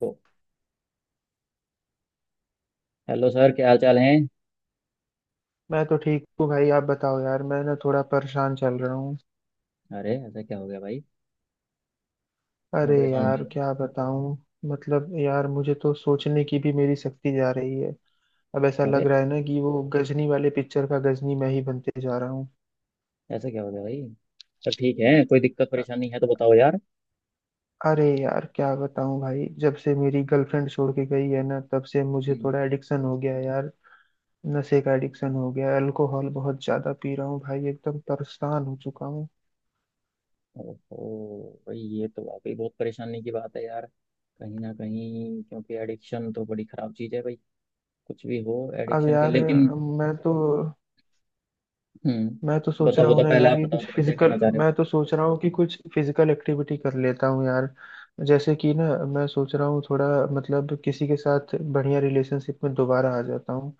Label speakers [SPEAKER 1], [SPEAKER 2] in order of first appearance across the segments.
[SPEAKER 1] तो, hello sir, क्या हाल चाल है।
[SPEAKER 2] मैं तो ठीक हूँ भाई। आप बताओ यार, मैं ना थोड़ा परेशान चल रहा हूँ।
[SPEAKER 1] अरे, ऐसा क्या हो गया भाई? क्यों
[SPEAKER 2] अरे
[SPEAKER 1] परेशान हो रहे
[SPEAKER 2] यार
[SPEAKER 1] हो?
[SPEAKER 2] क्या बताऊँ, मतलब यार मुझे तो सोचने की भी मेरी शक्ति जा रही है। अब ऐसा लग
[SPEAKER 1] अरे,
[SPEAKER 2] रहा है ना कि वो गजनी वाले पिक्चर का गजनी मैं ही बनते जा रहा हूँ।
[SPEAKER 1] ऐसा क्या हो गया भाई? सब ठीक है? कोई दिक्कत परेशानी है तो बताओ यार।
[SPEAKER 2] अरे यार क्या बताऊँ भाई, जब से मेरी गर्लफ्रेंड छोड़ के गई है ना तब से मुझे
[SPEAKER 1] हम्म।
[SPEAKER 2] थोड़ा एडिक्शन हो गया है यार। नशे का एडिक्शन हो गया है, अल्कोहल बहुत ज्यादा पी रहा हूँ भाई, एकदम परेशान हो चुका हूँ।
[SPEAKER 1] ओहो भाई, ये तो वाकई बहुत परेशानी की बात है यार। कहीं ना कहीं, क्योंकि एडिक्शन तो बड़ी खराब चीज है भाई। कुछ भी हो,
[SPEAKER 2] अब
[SPEAKER 1] एडिक्शन के
[SPEAKER 2] यार
[SPEAKER 1] लेकिन।
[SPEAKER 2] मैं तो मैं तो
[SPEAKER 1] हम्म,
[SPEAKER 2] सोच
[SPEAKER 1] बताओ
[SPEAKER 2] रहा हूँ
[SPEAKER 1] बताओ,
[SPEAKER 2] ना
[SPEAKER 1] पहले
[SPEAKER 2] यार
[SPEAKER 1] आप
[SPEAKER 2] कि
[SPEAKER 1] बताओ
[SPEAKER 2] कुछ
[SPEAKER 1] जरा, क्या
[SPEAKER 2] फिजिकल,
[SPEAKER 1] कहना चाह रहे
[SPEAKER 2] मैं तो सोच रहा हूँ कि कुछ फिजिकल एक्टिविटी कर लेता हूँ यार। जैसे कि ना, मैं सोच रहा हूँ थोड़ा, मतलब किसी के साथ बढ़िया रिलेशनशिप में दोबारा आ जाता हूँ,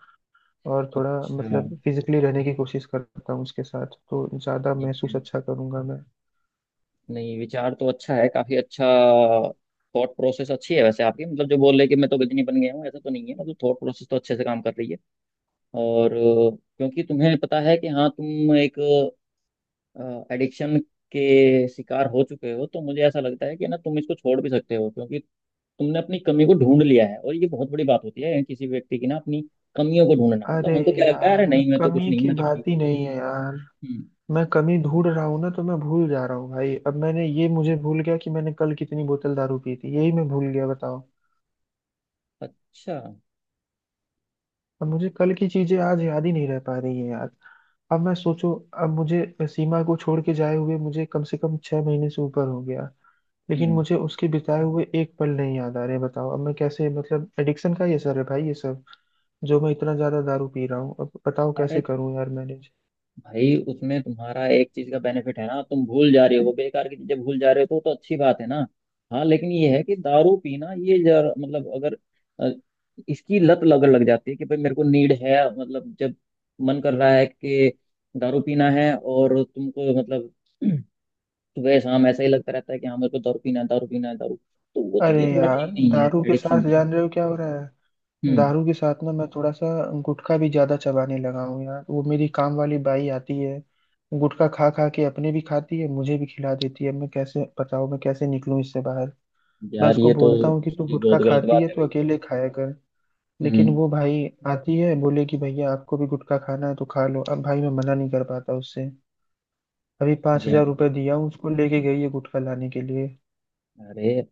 [SPEAKER 2] और
[SPEAKER 1] हो।
[SPEAKER 2] थोड़ा
[SPEAKER 1] अच्छा।
[SPEAKER 2] मतलब फिजिकली रहने की कोशिश करता हूँ उसके साथ तो ज़्यादा
[SPEAKER 1] ठीक
[SPEAKER 2] महसूस
[SPEAKER 1] है।
[SPEAKER 2] अच्छा करूंगा मैं।
[SPEAKER 1] नहीं, विचार तो अच्छा है, काफी अच्छा। थॉट प्रोसेस अच्छी है वैसे आपकी। मतलब जो बोल रहे कि मैं तो गजनी बन गया हूँ, ऐसा तो नहीं है। मतलब थॉट प्रोसेस तो अच्छे से काम कर रही है। और क्योंकि तुम्हें पता है कि हाँ, तुम एक एडिक्शन के शिकार हो चुके हो, तो मुझे ऐसा लगता है कि ना, तुम इसको छोड़ भी सकते हो, क्योंकि तुमने अपनी कमी को ढूंढ लिया है। और ये बहुत बड़ी बात होती है किसी व्यक्ति की ना, अपनी कमियों को ढूंढना।
[SPEAKER 2] अरे
[SPEAKER 1] मतलब हमको क्या लगता है, अरे
[SPEAKER 2] यार
[SPEAKER 1] नहीं, मैं तो कुछ
[SPEAKER 2] कमी
[SPEAKER 1] नहीं,
[SPEAKER 2] की
[SPEAKER 1] मैं तो
[SPEAKER 2] बात
[SPEAKER 1] ठीक
[SPEAKER 2] ही
[SPEAKER 1] हूँ।
[SPEAKER 2] नहीं है यार।
[SPEAKER 1] हम्म।
[SPEAKER 2] मैं कमी ढूंढ रहा हूँ ना तो मैं भूल जा रहा हूँ भाई। अब मैंने ये, मुझे भूल गया कि मैंने कल कितनी बोतल दारू पी थी, यही मैं भूल गया बताओ।
[SPEAKER 1] अच्छा।
[SPEAKER 2] अब मुझे कल की चीजें आज याद ही नहीं रह पा रही है यार। अब मैं सोचो, अब मुझे सीमा को छोड़ के जाए हुए मुझे कम से कम 6 महीने से ऊपर हो गया, लेकिन
[SPEAKER 1] हम्म।
[SPEAKER 2] मुझे उसके बिताए हुए एक पल नहीं याद आ रहे, बताओ अब मैं कैसे, मतलब एडिक्शन का ये सर है भाई ये सब। जो मैं इतना ज्यादा दारू पी रहा हूँ, अब बताओ
[SPEAKER 1] अरे
[SPEAKER 2] कैसे करूँ यार मैनेज।
[SPEAKER 1] भाई, उसमें तुम्हारा एक चीज का बेनिफिट है ना, तुम भूल जा रहे हो, बेकार की चीजें भूल जा रहे हो, तो अच्छी बात है ना। हाँ, लेकिन ये है कि दारू पीना ये मतलब अगर अ, इसकी लत लग लग जाती है कि भाई मेरे को नीड है। मतलब जब मन कर रहा है कि दारू पीना है और तुमको मतलब सुबह शाम ऐसा ही लगता रहता है कि हाँ मेरे को दारू पीना है, दारू पीना है, दारू, तो वो
[SPEAKER 2] अरे
[SPEAKER 1] चीजें थोड़ा
[SPEAKER 2] यार
[SPEAKER 1] ठीक नहीं है
[SPEAKER 2] दारू के साथ
[SPEAKER 1] एडिक्शन की।
[SPEAKER 2] जान रहे हो क्या हो रहा है?
[SPEAKER 1] हम्म।
[SPEAKER 2] दारू के साथ ना मैं थोड़ा सा गुटखा भी ज्यादा चबाने लगा हूँ यार। वो मेरी काम वाली बाई आती है, गुटखा खा खा के अपने भी खाती है मुझे भी खिला देती है। मैं कैसे बताओ, मैं कैसे निकलूं इससे बाहर। मैं
[SPEAKER 1] यार
[SPEAKER 2] उसको
[SPEAKER 1] ये तो
[SPEAKER 2] बोलता हूँ कि तू
[SPEAKER 1] उसकी बहुत
[SPEAKER 2] गुटखा
[SPEAKER 1] गलत
[SPEAKER 2] खाती
[SPEAKER 1] बात
[SPEAKER 2] है
[SPEAKER 1] है
[SPEAKER 2] तो
[SPEAKER 1] भाई।
[SPEAKER 2] अकेले खाया कर, लेकिन
[SPEAKER 1] हम्म।
[SPEAKER 2] वो भाई आती है, बोले कि भैया आपको भी गुटखा खाना है तो खा लो। अब भाई मैं मना नहीं कर पाता उससे। अभी पांच
[SPEAKER 1] यार
[SPEAKER 2] हजार
[SPEAKER 1] ये
[SPEAKER 2] रुपये दिया हूँ उसको, लेके गई है गुटखा लाने के लिए।
[SPEAKER 1] अरे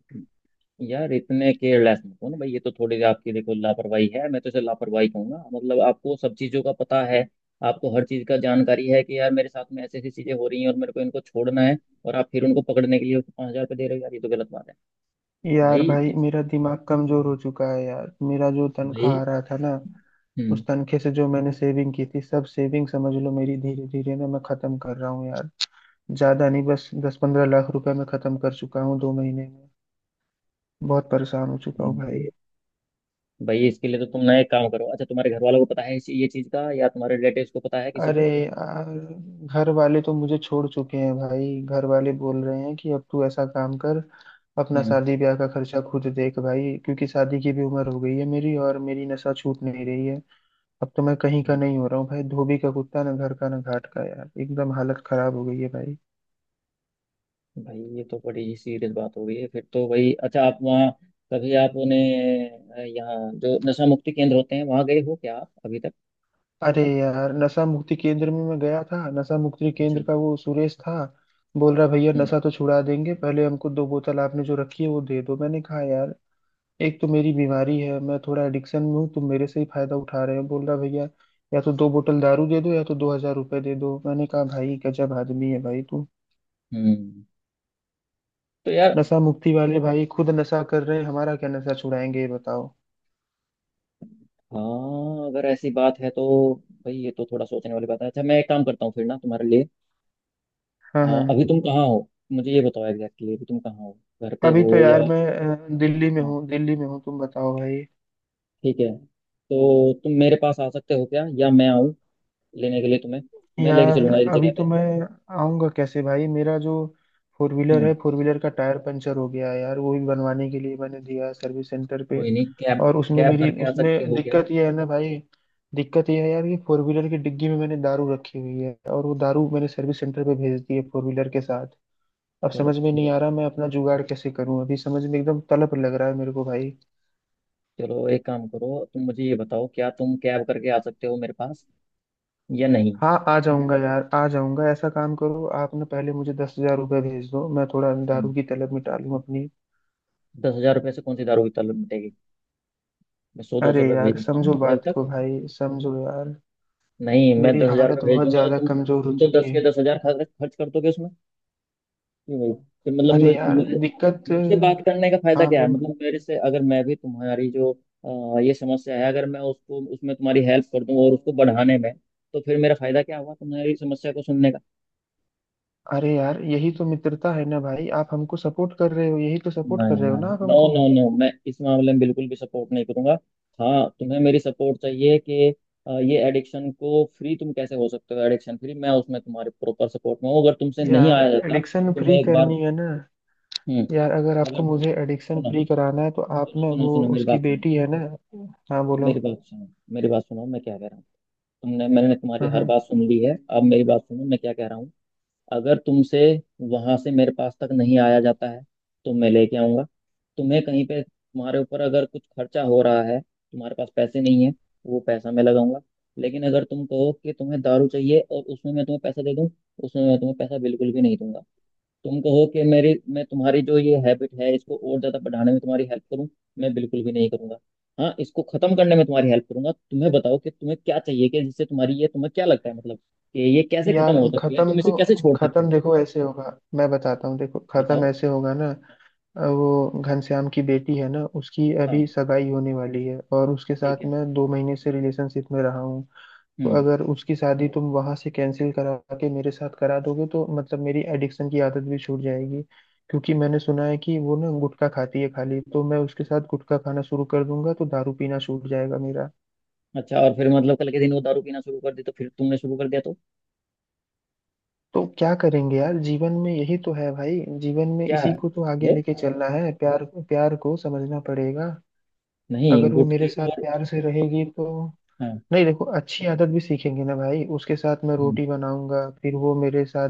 [SPEAKER 1] यार, इतने केयरलेस मत हो ना भाई। ये तो थोड़ी सी आपकी, देखो, लापरवाही है, मैं तो इसे लापरवाही कहूंगा। मतलब आपको सब चीज़ों का पता है, आपको हर चीज़ का जानकारी है कि यार मेरे साथ में ऐसी ऐसी चीज़ें हो रही हैं और मेरे को इनको छोड़ना है। और आप फिर उनको पकड़ने के लिए उसको 5,000 रुपये दे रहे हो। यार ये तो गलत बात है।
[SPEAKER 2] यार भाई
[SPEAKER 1] भाई।
[SPEAKER 2] मेरा दिमाग कमजोर हो चुका है यार। मेरा जो तनख्वाह
[SPEAKER 1] भाई।
[SPEAKER 2] आ रहा था ना,
[SPEAKER 1] हम्म।
[SPEAKER 2] उस तनखे से जो मैंने सेविंग की थी, सब सेविंग समझ लो मेरी, धीरे धीरे ना मैं खत्म कर रहा हूँ यार। ज्यादा नहीं, बस 10-15 लाख रुपए मैं खत्म कर चुका हूँ 2 महीने में। बहुत परेशान हो चुका हूँ भाई।
[SPEAKER 1] भाई इसके लिए तो तुम ना एक काम करो। अच्छा, तुम्हारे घर वालों को पता है ये चीज़ का, या तुम्हारे रिलेटिव्स को पता है, किसी
[SPEAKER 2] अरे
[SPEAKER 1] को?
[SPEAKER 2] यार, घर वाले तो मुझे छोड़ चुके हैं भाई। घर वाले बोल रहे हैं कि अब तू ऐसा काम कर, अपना
[SPEAKER 1] हम्म।
[SPEAKER 2] शादी ब्याह का खर्चा खुद देख भाई, क्योंकि शादी की भी उम्र हो गई है मेरी और मेरी नशा छूट नहीं रही है। अब तो मैं कहीं का नहीं हो रहा हूँ भाई, धोबी का कुत्ता ना घर का ना घाट का यार, एकदम हालत खराब हो गई है भाई।
[SPEAKER 1] भाई ये तो बड़ी ही सीरियस बात हो गई है फिर तो भाई। अच्छा, आप वहाँ कभी आपने यहाँ जो नशा मुक्ति केंद्र होते हैं, वहाँ गए हो क्या आप अभी तक?
[SPEAKER 2] अरे यार, नशा मुक्ति केंद्र में मैं गया था, नशा मुक्ति
[SPEAKER 1] अच्छा।
[SPEAKER 2] केंद्र का वो सुरेश था। बोल रहा, भैया
[SPEAKER 1] हम्म।
[SPEAKER 2] नशा तो छुड़ा देंगे, पहले हमको 2 बोतल आपने जो रखी है वो दे दो। मैंने कहा यार, एक तो मेरी बीमारी है, मैं थोड़ा एडिक्शन में हूँ, तुम मेरे से ही फायदा उठा रहे हो। बोल रहा, भैया या तो 2 बोतल दारू दे दो या तो 2,000 रुपये दे दो। मैंने कहा भाई गजब आदमी है भाई तू।
[SPEAKER 1] हम्म, तो यार,
[SPEAKER 2] नशा मुक्ति वाले भाई खुद नशा कर रहे हैं, हमारा क्या नशा छुड़ाएंगे ये बताओ।
[SPEAKER 1] हाँ, अगर ऐसी बात है तो भाई ये तो थोड़ा सोचने वाली बात है। अच्छा, मैं एक काम करता हूँ फिर ना तुम्हारे लिए।
[SPEAKER 2] हाँ हाँ।
[SPEAKER 1] अभी तुम कहाँ हो, मुझे ये बताओ एग्जैक्टली, अभी तुम कहाँ हो, घर पे
[SPEAKER 2] अभी तो
[SPEAKER 1] हो या?
[SPEAKER 2] यार मैं दिल्ली में
[SPEAKER 1] हाँ,
[SPEAKER 2] हूँ, दिल्ली में हूँ, तुम बताओ भाई।
[SPEAKER 1] ठीक है। तो तुम मेरे पास आ सकते हो क्या, या मैं आऊँ लेने के लिए तुम्हें? मैं लेके
[SPEAKER 2] यार
[SPEAKER 1] चलूंगा एक
[SPEAKER 2] अभी
[SPEAKER 1] जगह
[SPEAKER 2] तो
[SPEAKER 1] पे।
[SPEAKER 2] मैं आऊँगा कैसे भाई? मेरा जो फोर व्हीलर है,
[SPEAKER 1] हम्म।
[SPEAKER 2] फोर व्हीलर का टायर पंचर हो गया है यार, वो भी बनवाने के लिए मैंने दिया है सर्विस सेंटर पे।
[SPEAKER 1] कोई नहीं, कैब,
[SPEAKER 2] और उसमें
[SPEAKER 1] कैब
[SPEAKER 2] मेरी,
[SPEAKER 1] करके आ सकते
[SPEAKER 2] उसमें
[SPEAKER 1] हो क्या?
[SPEAKER 2] दिक्कत ये है ना भाई, दिक्कत ये है यार कि फोर व्हीलर की डिग्गी में मैंने दारू रखी हुई है, और वो दारू मैंने सर्विस सेंटर पे भेज दी है फोर व्हीलर के साथ। अब
[SPEAKER 1] चलो
[SPEAKER 2] समझ में नहीं
[SPEAKER 1] छोड़ो।
[SPEAKER 2] आ रहा मैं अपना जुगाड़ कैसे करूं, अभी समझ में एकदम तलब लग रहा है मेरे को भाई।
[SPEAKER 1] चलो एक काम करो, तुम मुझे ये बताओ, क्या तुम कैब करके आ सकते हो मेरे पास या नहीं?
[SPEAKER 2] हाँ आ जाऊंगा यार, आ जाऊंगा। ऐसा काम करो, आप ना पहले मुझे 10,000 रुपये भेज दो, मैं थोड़ा
[SPEAKER 1] हम्म।
[SPEAKER 2] दारू की तलब मिटा लूँ अपनी।
[SPEAKER 1] 10,000 रुपये से कौन सी दारू की तलब मिटेगी? मैं सौ दो सौ
[SPEAKER 2] अरे
[SPEAKER 1] रुपये भेज
[SPEAKER 2] यार
[SPEAKER 1] देता
[SPEAKER 2] समझो
[SPEAKER 1] हूँ जब
[SPEAKER 2] बात
[SPEAKER 1] तक।
[SPEAKER 2] को भाई, समझो यार।
[SPEAKER 1] नहीं, मैं
[SPEAKER 2] मेरी
[SPEAKER 1] 10,000 रुपये
[SPEAKER 2] हालत
[SPEAKER 1] भेज
[SPEAKER 2] बहुत
[SPEAKER 1] दूंगा तो
[SPEAKER 2] ज्यादा
[SPEAKER 1] तुम
[SPEAKER 2] कमजोर हो
[SPEAKER 1] तुम तो
[SPEAKER 2] चुकी
[SPEAKER 1] दस के
[SPEAKER 2] है।
[SPEAKER 1] दस हजार खर्च खर्च कर दोगे उसमें। क्यों भाई? फिर मतलब
[SPEAKER 2] अरे
[SPEAKER 1] मैं-
[SPEAKER 2] यार
[SPEAKER 1] मुझे
[SPEAKER 2] दिक्कत।
[SPEAKER 1] मुझसे बात करने का फायदा
[SPEAKER 2] हाँ
[SPEAKER 1] क्या है?
[SPEAKER 2] बोल।
[SPEAKER 1] मतलब मेरे से, अगर मैं भी तुम्हारी जो ये समस्या है, अगर मैं उसको उसमें तुम्हारी हेल्प कर दूं और उसको बढ़ाने में, तो फिर मेरा फायदा क्या हुआ तुम्हारी समस्या को सुनने?
[SPEAKER 2] अरे यार यही तो मित्रता है ना भाई, आप हमको सपोर्ट कर रहे हो, यही तो सपोर्ट कर
[SPEAKER 1] नहीं
[SPEAKER 2] रहे हो
[SPEAKER 1] नहीं,
[SPEAKER 2] ना आप
[SPEAKER 1] नो
[SPEAKER 2] हमको।
[SPEAKER 1] नो नो, मैं इस मामले में बिल्कुल भी सपोर्ट नहीं करूंगा। हाँ, तुम्हें मेरी सपोर्ट चाहिए कि ये एडिक्शन को फ्री तुम कैसे हो सकते हो। एडिक्शन फ्री, मैं उसमें तुम्हारे प्रॉपर सपोर्ट में हूँ। अगर तुमसे नहीं
[SPEAKER 2] यार
[SPEAKER 1] आया जाता
[SPEAKER 2] एडिक्शन
[SPEAKER 1] तो मैं
[SPEAKER 2] फ्री
[SPEAKER 1] एक बार।
[SPEAKER 2] करनी है ना।
[SPEAKER 1] हम्म।
[SPEAKER 2] यार अगर आपको
[SPEAKER 1] अगर
[SPEAKER 2] मुझे एडिक्शन
[SPEAKER 1] सुनो
[SPEAKER 2] फ्री कराना है तो आप
[SPEAKER 1] सुनो
[SPEAKER 2] ना,
[SPEAKER 1] सुनो
[SPEAKER 2] वो
[SPEAKER 1] सुनो, मेरी
[SPEAKER 2] उसकी
[SPEAKER 1] बात सुनो।
[SPEAKER 2] बेटी है ना। हाँ बोलो।
[SPEAKER 1] मेरी बात सुनो। मेरी बात सुनो, मैं क्या कह रहा हूँ। तुमने मैंने तुम्हारी
[SPEAKER 2] हाँ
[SPEAKER 1] हर
[SPEAKER 2] हाँ।
[SPEAKER 1] बात सुन ली है, अब मेरी बात सुनो, मैं क्या कह रहा हूँ। अगर तुमसे वहां से मेरे पास तक नहीं आया जाता है, तो मैं लेके आऊंगा तुम्हें। कहीं पे तुम्हारे ऊपर अगर कुछ खर्चा हो रहा है, तुम्हारे पास पैसे नहीं है, वो पैसा मैं लगाऊंगा। लेकिन अगर तुम कहो कि तुम्हें दारू चाहिए और उसमें मैं तुम्हें पैसा दे दूं, उसमें मैं तुम्हें पैसा बिल्कुल भी नहीं दूंगा। तुम कहो कि मेरी मैं तुम्हारी जो ये हैबिट है इसको और ज्यादा बढ़ाने में तुम्हारी हेल्प करूं, मैं बिल्कुल भी नहीं करूंगा। हाँ, इसको खत्म करने में तुम्हारी हेल्प करूंगा। तुम्हें बताओ कि तुम्हें क्या चाहिए कि जिससे तुम्हारी ये तुम्हें क्या लगता है, मतलब कि ये कैसे खत्म
[SPEAKER 2] यार
[SPEAKER 1] हो सकती है,
[SPEAKER 2] खत्म
[SPEAKER 1] तुम इसे
[SPEAKER 2] तो,
[SPEAKER 1] कैसे छोड़ सकते हो?
[SPEAKER 2] खत्म देखो ऐसे होगा, मैं बताता हूँ देखो, खत्म
[SPEAKER 1] बताओ।
[SPEAKER 2] ऐसे होगा ना। वो घनश्याम की बेटी है ना, उसकी
[SPEAKER 1] हाँ,
[SPEAKER 2] अभी सगाई होने वाली है, और उसके
[SPEAKER 1] ठीक
[SPEAKER 2] साथ
[SPEAKER 1] है।
[SPEAKER 2] मैं 2 महीने से रिलेशनशिप में रहा हूँ। तो
[SPEAKER 1] हम्म।
[SPEAKER 2] अगर उसकी शादी तुम वहां से कैंसिल करा के मेरे साथ करा दोगे तो मतलब मेरी एडिक्शन की आदत भी छूट जाएगी। क्योंकि मैंने सुना है कि वो ना गुटखा खाती है खाली, तो मैं उसके साथ गुटखा खाना शुरू कर दूंगा तो दारू पीना छूट जाएगा मेरा।
[SPEAKER 1] अच्छा, और फिर मतलब कल के दिन वो दारू पीना शुरू कर दी तो फिर तुमने शुरू कर दिया तो?
[SPEAKER 2] तो क्या करेंगे यार, जीवन में यही तो है भाई, जीवन में
[SPEAKER 1] क्या
[SPEAKER 2] इसी
[SPEAKER 1] है
[SPEAKER 2] को तो आगे
[SPEAKER 1] ये?
[SPEAKER 2] लेके चलना है, प्यार, प्यार को समझना पड़ेगा।
[SPEAKER 1] नहीं,
[SPEAKER 2] अगर वो मेरे
[SPEAKER 1] गुटखी
[SPEAKER 2] साथ
[SPEAKER 1] और।
[SPEAKER 2] प्यार से रहेगी तो
[SPEAKER 1] हाँ।
[SPEAKER 2] नहीं, देखो अच्छी आदत भी सीखेंगे ना भाई, उसके साथ मैं
[SPEAKER 1] हम्म।
[SPEAKER 2] रोटी बनाऊंगा फिर वो मेरे साथ,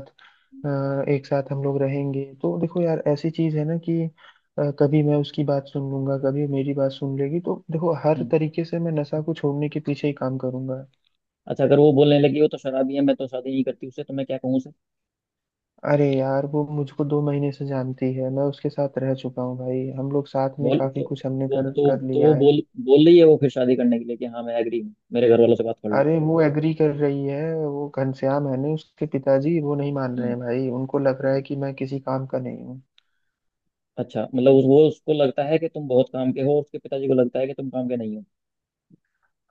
[SPEAKER 2] अ, एक साथ हम लोग रहेंगे तो देखो यार ऐसी चीज है ना कि कभी मैं उसकी बात सुन लूंगा कभी मेरी बात सुन लेगी, तो देखो हर
[SPEAKER 1] हम्म।
[SPEAKER 2] तरीके से मैं नशा को छोड़ने के पीछे ही काम करूंगा।
[SPEAKER 1] अच्छा, अगर वो बोलने लगी हो तो, शराबी है मैं तो शादी नहीं करती उससे, तो मैं क्या कहूँ उसे?
[SPEAKER 2] अरे यार वो मुझको 2 महीने से जानती है, मैं उसके साथ रह चुका हूँ भाई, हम लोग साथ में
[SPEAKER 1] बोल
[SPEAKER 2] काफी कुछ हमने कर कर
[SPEAKER 1] तो वो
[SPEAKER 2] लिया है।
[SPEAKER 1] बोल बोल रही है, वो फिर शादी करने के लिए, कि हाँ मैं एग्री हूँ, मेरे घर वालों से बात कर लो।
[SPEAKER 2] अरे वो एग्री कर रही है, वो घनश्याम है ना उसके पिताजी, वो नहीं मान रहे
[SPEAKER 1] हम्म।
[SPEAKER 2] हैं भाई। उनको लग रहा है कि मैं किसी काम का नहीं हूँ।
[SPEAKER 1] अच्छा, मतलब उस, वो उसको लगता है कि तुम बहुत काम के हो, उसके पिताजी को लगता है कि तुम काम के नहीं हो?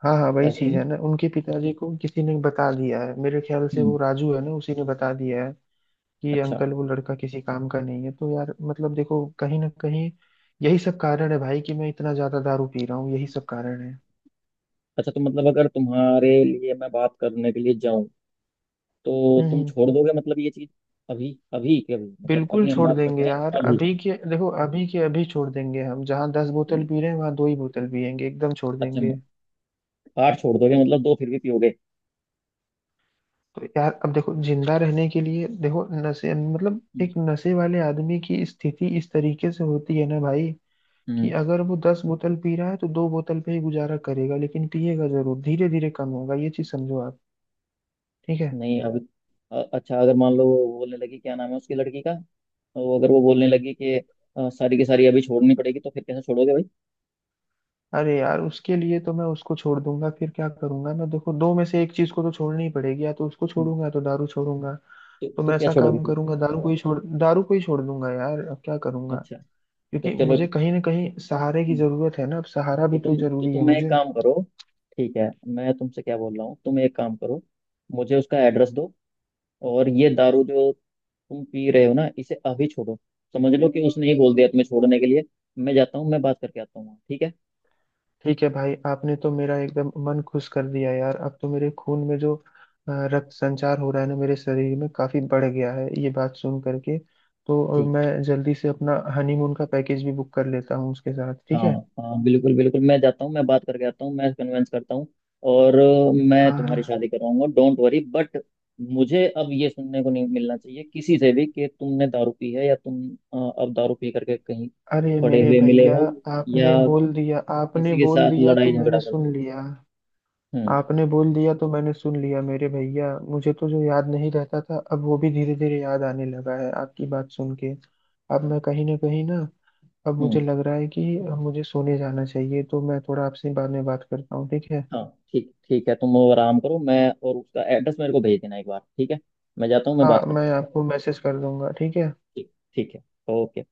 [SPEAKER 2] हाँ हाँ वही
[SPEAKER 1] ऐसे ही
[SPEAKER 2] चीज
[SPEAKER 1] ना?
[SPEAKER 2] है ना, उनके पिताजी को किसी ने बता दिया है, मेरे ख्याल से वो
[SPEAKER 1] हम्म।
[SPEAKER 2] राजू है ना, उसी ने बता दिया है कि
[SPEAKER 1] अच्छा।
[SPEAKER 2] अंकल वो लड़का किसी काम का नहीं है। तो यार मतलब देखो, कहीं ना कहीं यही सब कारण है भाई कि मैं इतना ज्यादा दारू पी रहा हूँ, यही सब कारण है।
[SPEAKER 1] अच्छा, तो मतलब अगर तुम्हारे लिए मैं बात करने के लिए जाऊँ, तो
[SPEAKER 2] हम्म
[SPEAKER 1] तुम
[SPEAKER 2] हम्म।
[SPEAKER 1] छोड़ दोगे मतलब ये चीज? अभी, अभी के अभी, मतलब
[SPEAKER 2] बिल्कुल
[SPEAKER 1] अभी हम
[SPEAKER 2] छोड़
[SPEAKER 1] बात कर
[SPEAKER 2] देंगे
[SPEAKER 1] रहे हैं,
[SPEAKER 2] यार,
[SPEAKER 1] अभी?
[SPEAKER 2] अभी के देखो, अभी के अभी छोड़ देंगे। हम जहाँ दस
[SPEAKER 1] तुम।
[SPEAKER 2] बोतल पी रहे हैं वहां 2 ही बोतल पियेंगे, एकदम छोड़
[SPEAKER 1] अच्छा,
[SPEAKER 2] देंगे।
[SPEAKER 1] आठ छोड़ दोगे मतलब दो फिर भी पियोगे?
[SPEAKER 2] तो यार अब देखो, जिंदा रहने के लिए देखो, नशे मतलब
[SPEAKER 1] हम्म,
[SPEAKER 2] एक नशे वाले आदमी की स्थिति इस तरीके से होती है ना भाई, कि
[SPEAKER 1] हम्म,
[SPEAKER 2] अगर वो 10 बोतल पी रहा है तो दो बोतल पे ही गुजारा करेगा, लेकिन पिएगा जरूर, धीरे धीरे कम होगा ये चीज, समझो आप। ठीक है।
[SPEAKER 1] नहीं अभी। अच्छा, अगर मान लो वो बोलने लगी, क्या नाम है उसकी लड़की का? वो, अगर वो बोलने लगी कि सारी की सारी अभी छोड़नी पड़ेगी, तो फिर कैसे छोड़ोगे भाई?
[SPEAKER 2] अरे यार उसके लिए तो मैं उसको छोड़ दूंगा, फिर क्या करूंगा मैं देखो, दो में से एक चीज को तो छोड़नी ही पड़ेगी, या तो उसको
[SPEAKER 1] हम्म,
[SPEAKER 2] छोड़ूंगा या तो दारू छोड़ूंगा।
[SPEAKER 1] तो
[SPEAKER 2] तो
[SPEAKER 1] तो
[SPEAKER 2] मैं
[SPEAKER 1] क्या
[SPEAKER 2] ऐसा
[SPEAKER 1] छोड़ोगे
[SPEAKER 2] काम
[SPEAKER 1] फिर?
[SPEAKER 2] करूंगा, दारू को ही छोड़, दारू को ही छोड़ दूंगा यार, अब क्या करूंगा,
[SPEAKER 1] अच्छा। तो
[SPEAKER 2] क्योंकि
[SPEAKER 1] चलो।
[SPEAKER 2] मुझे कहीं ना कहीं सहारे की
[SPEAKER 1] हम्म,
[SPEAKER 2] जरूरत है ना, अब सहारा
[SPEAKER 1] तो
[SPEAKER 2] भी
[SPEAKER 1] तुम
[SPEAKER 2] तो
[SPEAKER 1] तो
[SPEAKER 2] जरूरी है
[SPEAKER 1] तुम एक
[SPEAKER 2] मुझे।
[SPEAKER 1] काम करो। ठीक है, मैं तुमसे क्या बोल रहा हूँ, तुम एक काम करो। मुझे उसका एड्रेस दो, और ये दारू जो तुम पी रहे हो ना, इसे अभी छोड़ो। समझ लो कि उसने ही बोल दिया तुम्हें छोड़ने के लिए। मैं जाता हूँ, मैं बात करके आता हूँ, ठीक है।
[SPEAKER 2] ठीक है भाई, आपने तो मेरा एकदम मन खुश कर दिया यार। अब तो मेरे खून में जो रक्त संचार हो रहा है ना मेरे शरीर में, काफी बढ़ गया है ये बात सुन करके। तो अब
[SPEAKER 1] ठीक।
[SPEAKER 2] मैं जल्दी से अपना हनीमून का पैकेज भी बुक कर लेता हूँ उसके साथ, ठीक
[SPEAKER 1] हाँ
[SPEAKER 2] है।
[SPEAKER 1] हाँ, बिल्कुल बिल्कुल, मैं जाता हूँ, मैं बात करके आता हूँ, मैं कन्वेंस करता हूँ। और मैं
[SPEAKER 2] हाँ
[SPEAKER 1] तुम्हारी
[SPEAKER 2] हाँ।
[SPEAKER 1] शादी करवाऊंगा, डोंट वरी। बट मुझे अब ये सुनने को नहीं मिलना चाहिए किसी से भी कि तुमने दारू पी है, या तुम अब दारू पी करके कहीं
[SPEAKER 2] अरे
[SPEAKER 1] पड़े
[SPEAKER 2] मेरे
[SPEAKER 1] हुए मिले
[SPEAKER 2] भैया,
[SPEAKER 1] हो,
[SPEAKER 2] आपने
[SPEAKER 1] या
[SPEAKER 2] बोल दिया, आपने
[SPEAKER 1] किसी के
[SPEAKER 2] बोल
[SPEAKER 1] साथ
[SPEAKER 2] दिया तो
[SPEAKER 1] लड़ाई
[SPEAKER 2] मैंने
[SPEAKER 1] झगड़ा करते
[SPEAKER 2] सुन
[SPEAKER 1] हो।
[SPEAKER 2] लिया।
[SPEAKER 1] हम्म।
[SPEAKER 2] आपने बोल दिया तो मैंने सुन लिया मेरे भैया। मुझे तो जो याद नहीं रहता था, अब वो भी धीरे धीरे याद आने लगा है आपकी बात सुन के। अब मैं कहीं ना कहीं ना, अब मुझे
[SPEAKER 1] हम्म।
[SPEAKER 2] लग रहा है कि मुझे सोने जाना चाहिए, तो मैं थोड़ा आपसे बाद में बात करता हूँ, ठीक है।
[SPEAKER 1] हाँ। ठीक ठीक है, तुम वो आराम करो। मैं और उसका एड्रेस मेरे को भेज देना एक बार, ठीक है। मैं जाता हूँ, मैं
[SPEAKER 2] हाँ
[SPEAKER 1] बात करता
[SPEAKER 2] मैं
[SPEAKER 1] हूँ।
[SPEAKER 2] आपको मैसेज कर दूंगा, ठीक है।
[SPEAKER 1] ठीक ठीक है। ओके।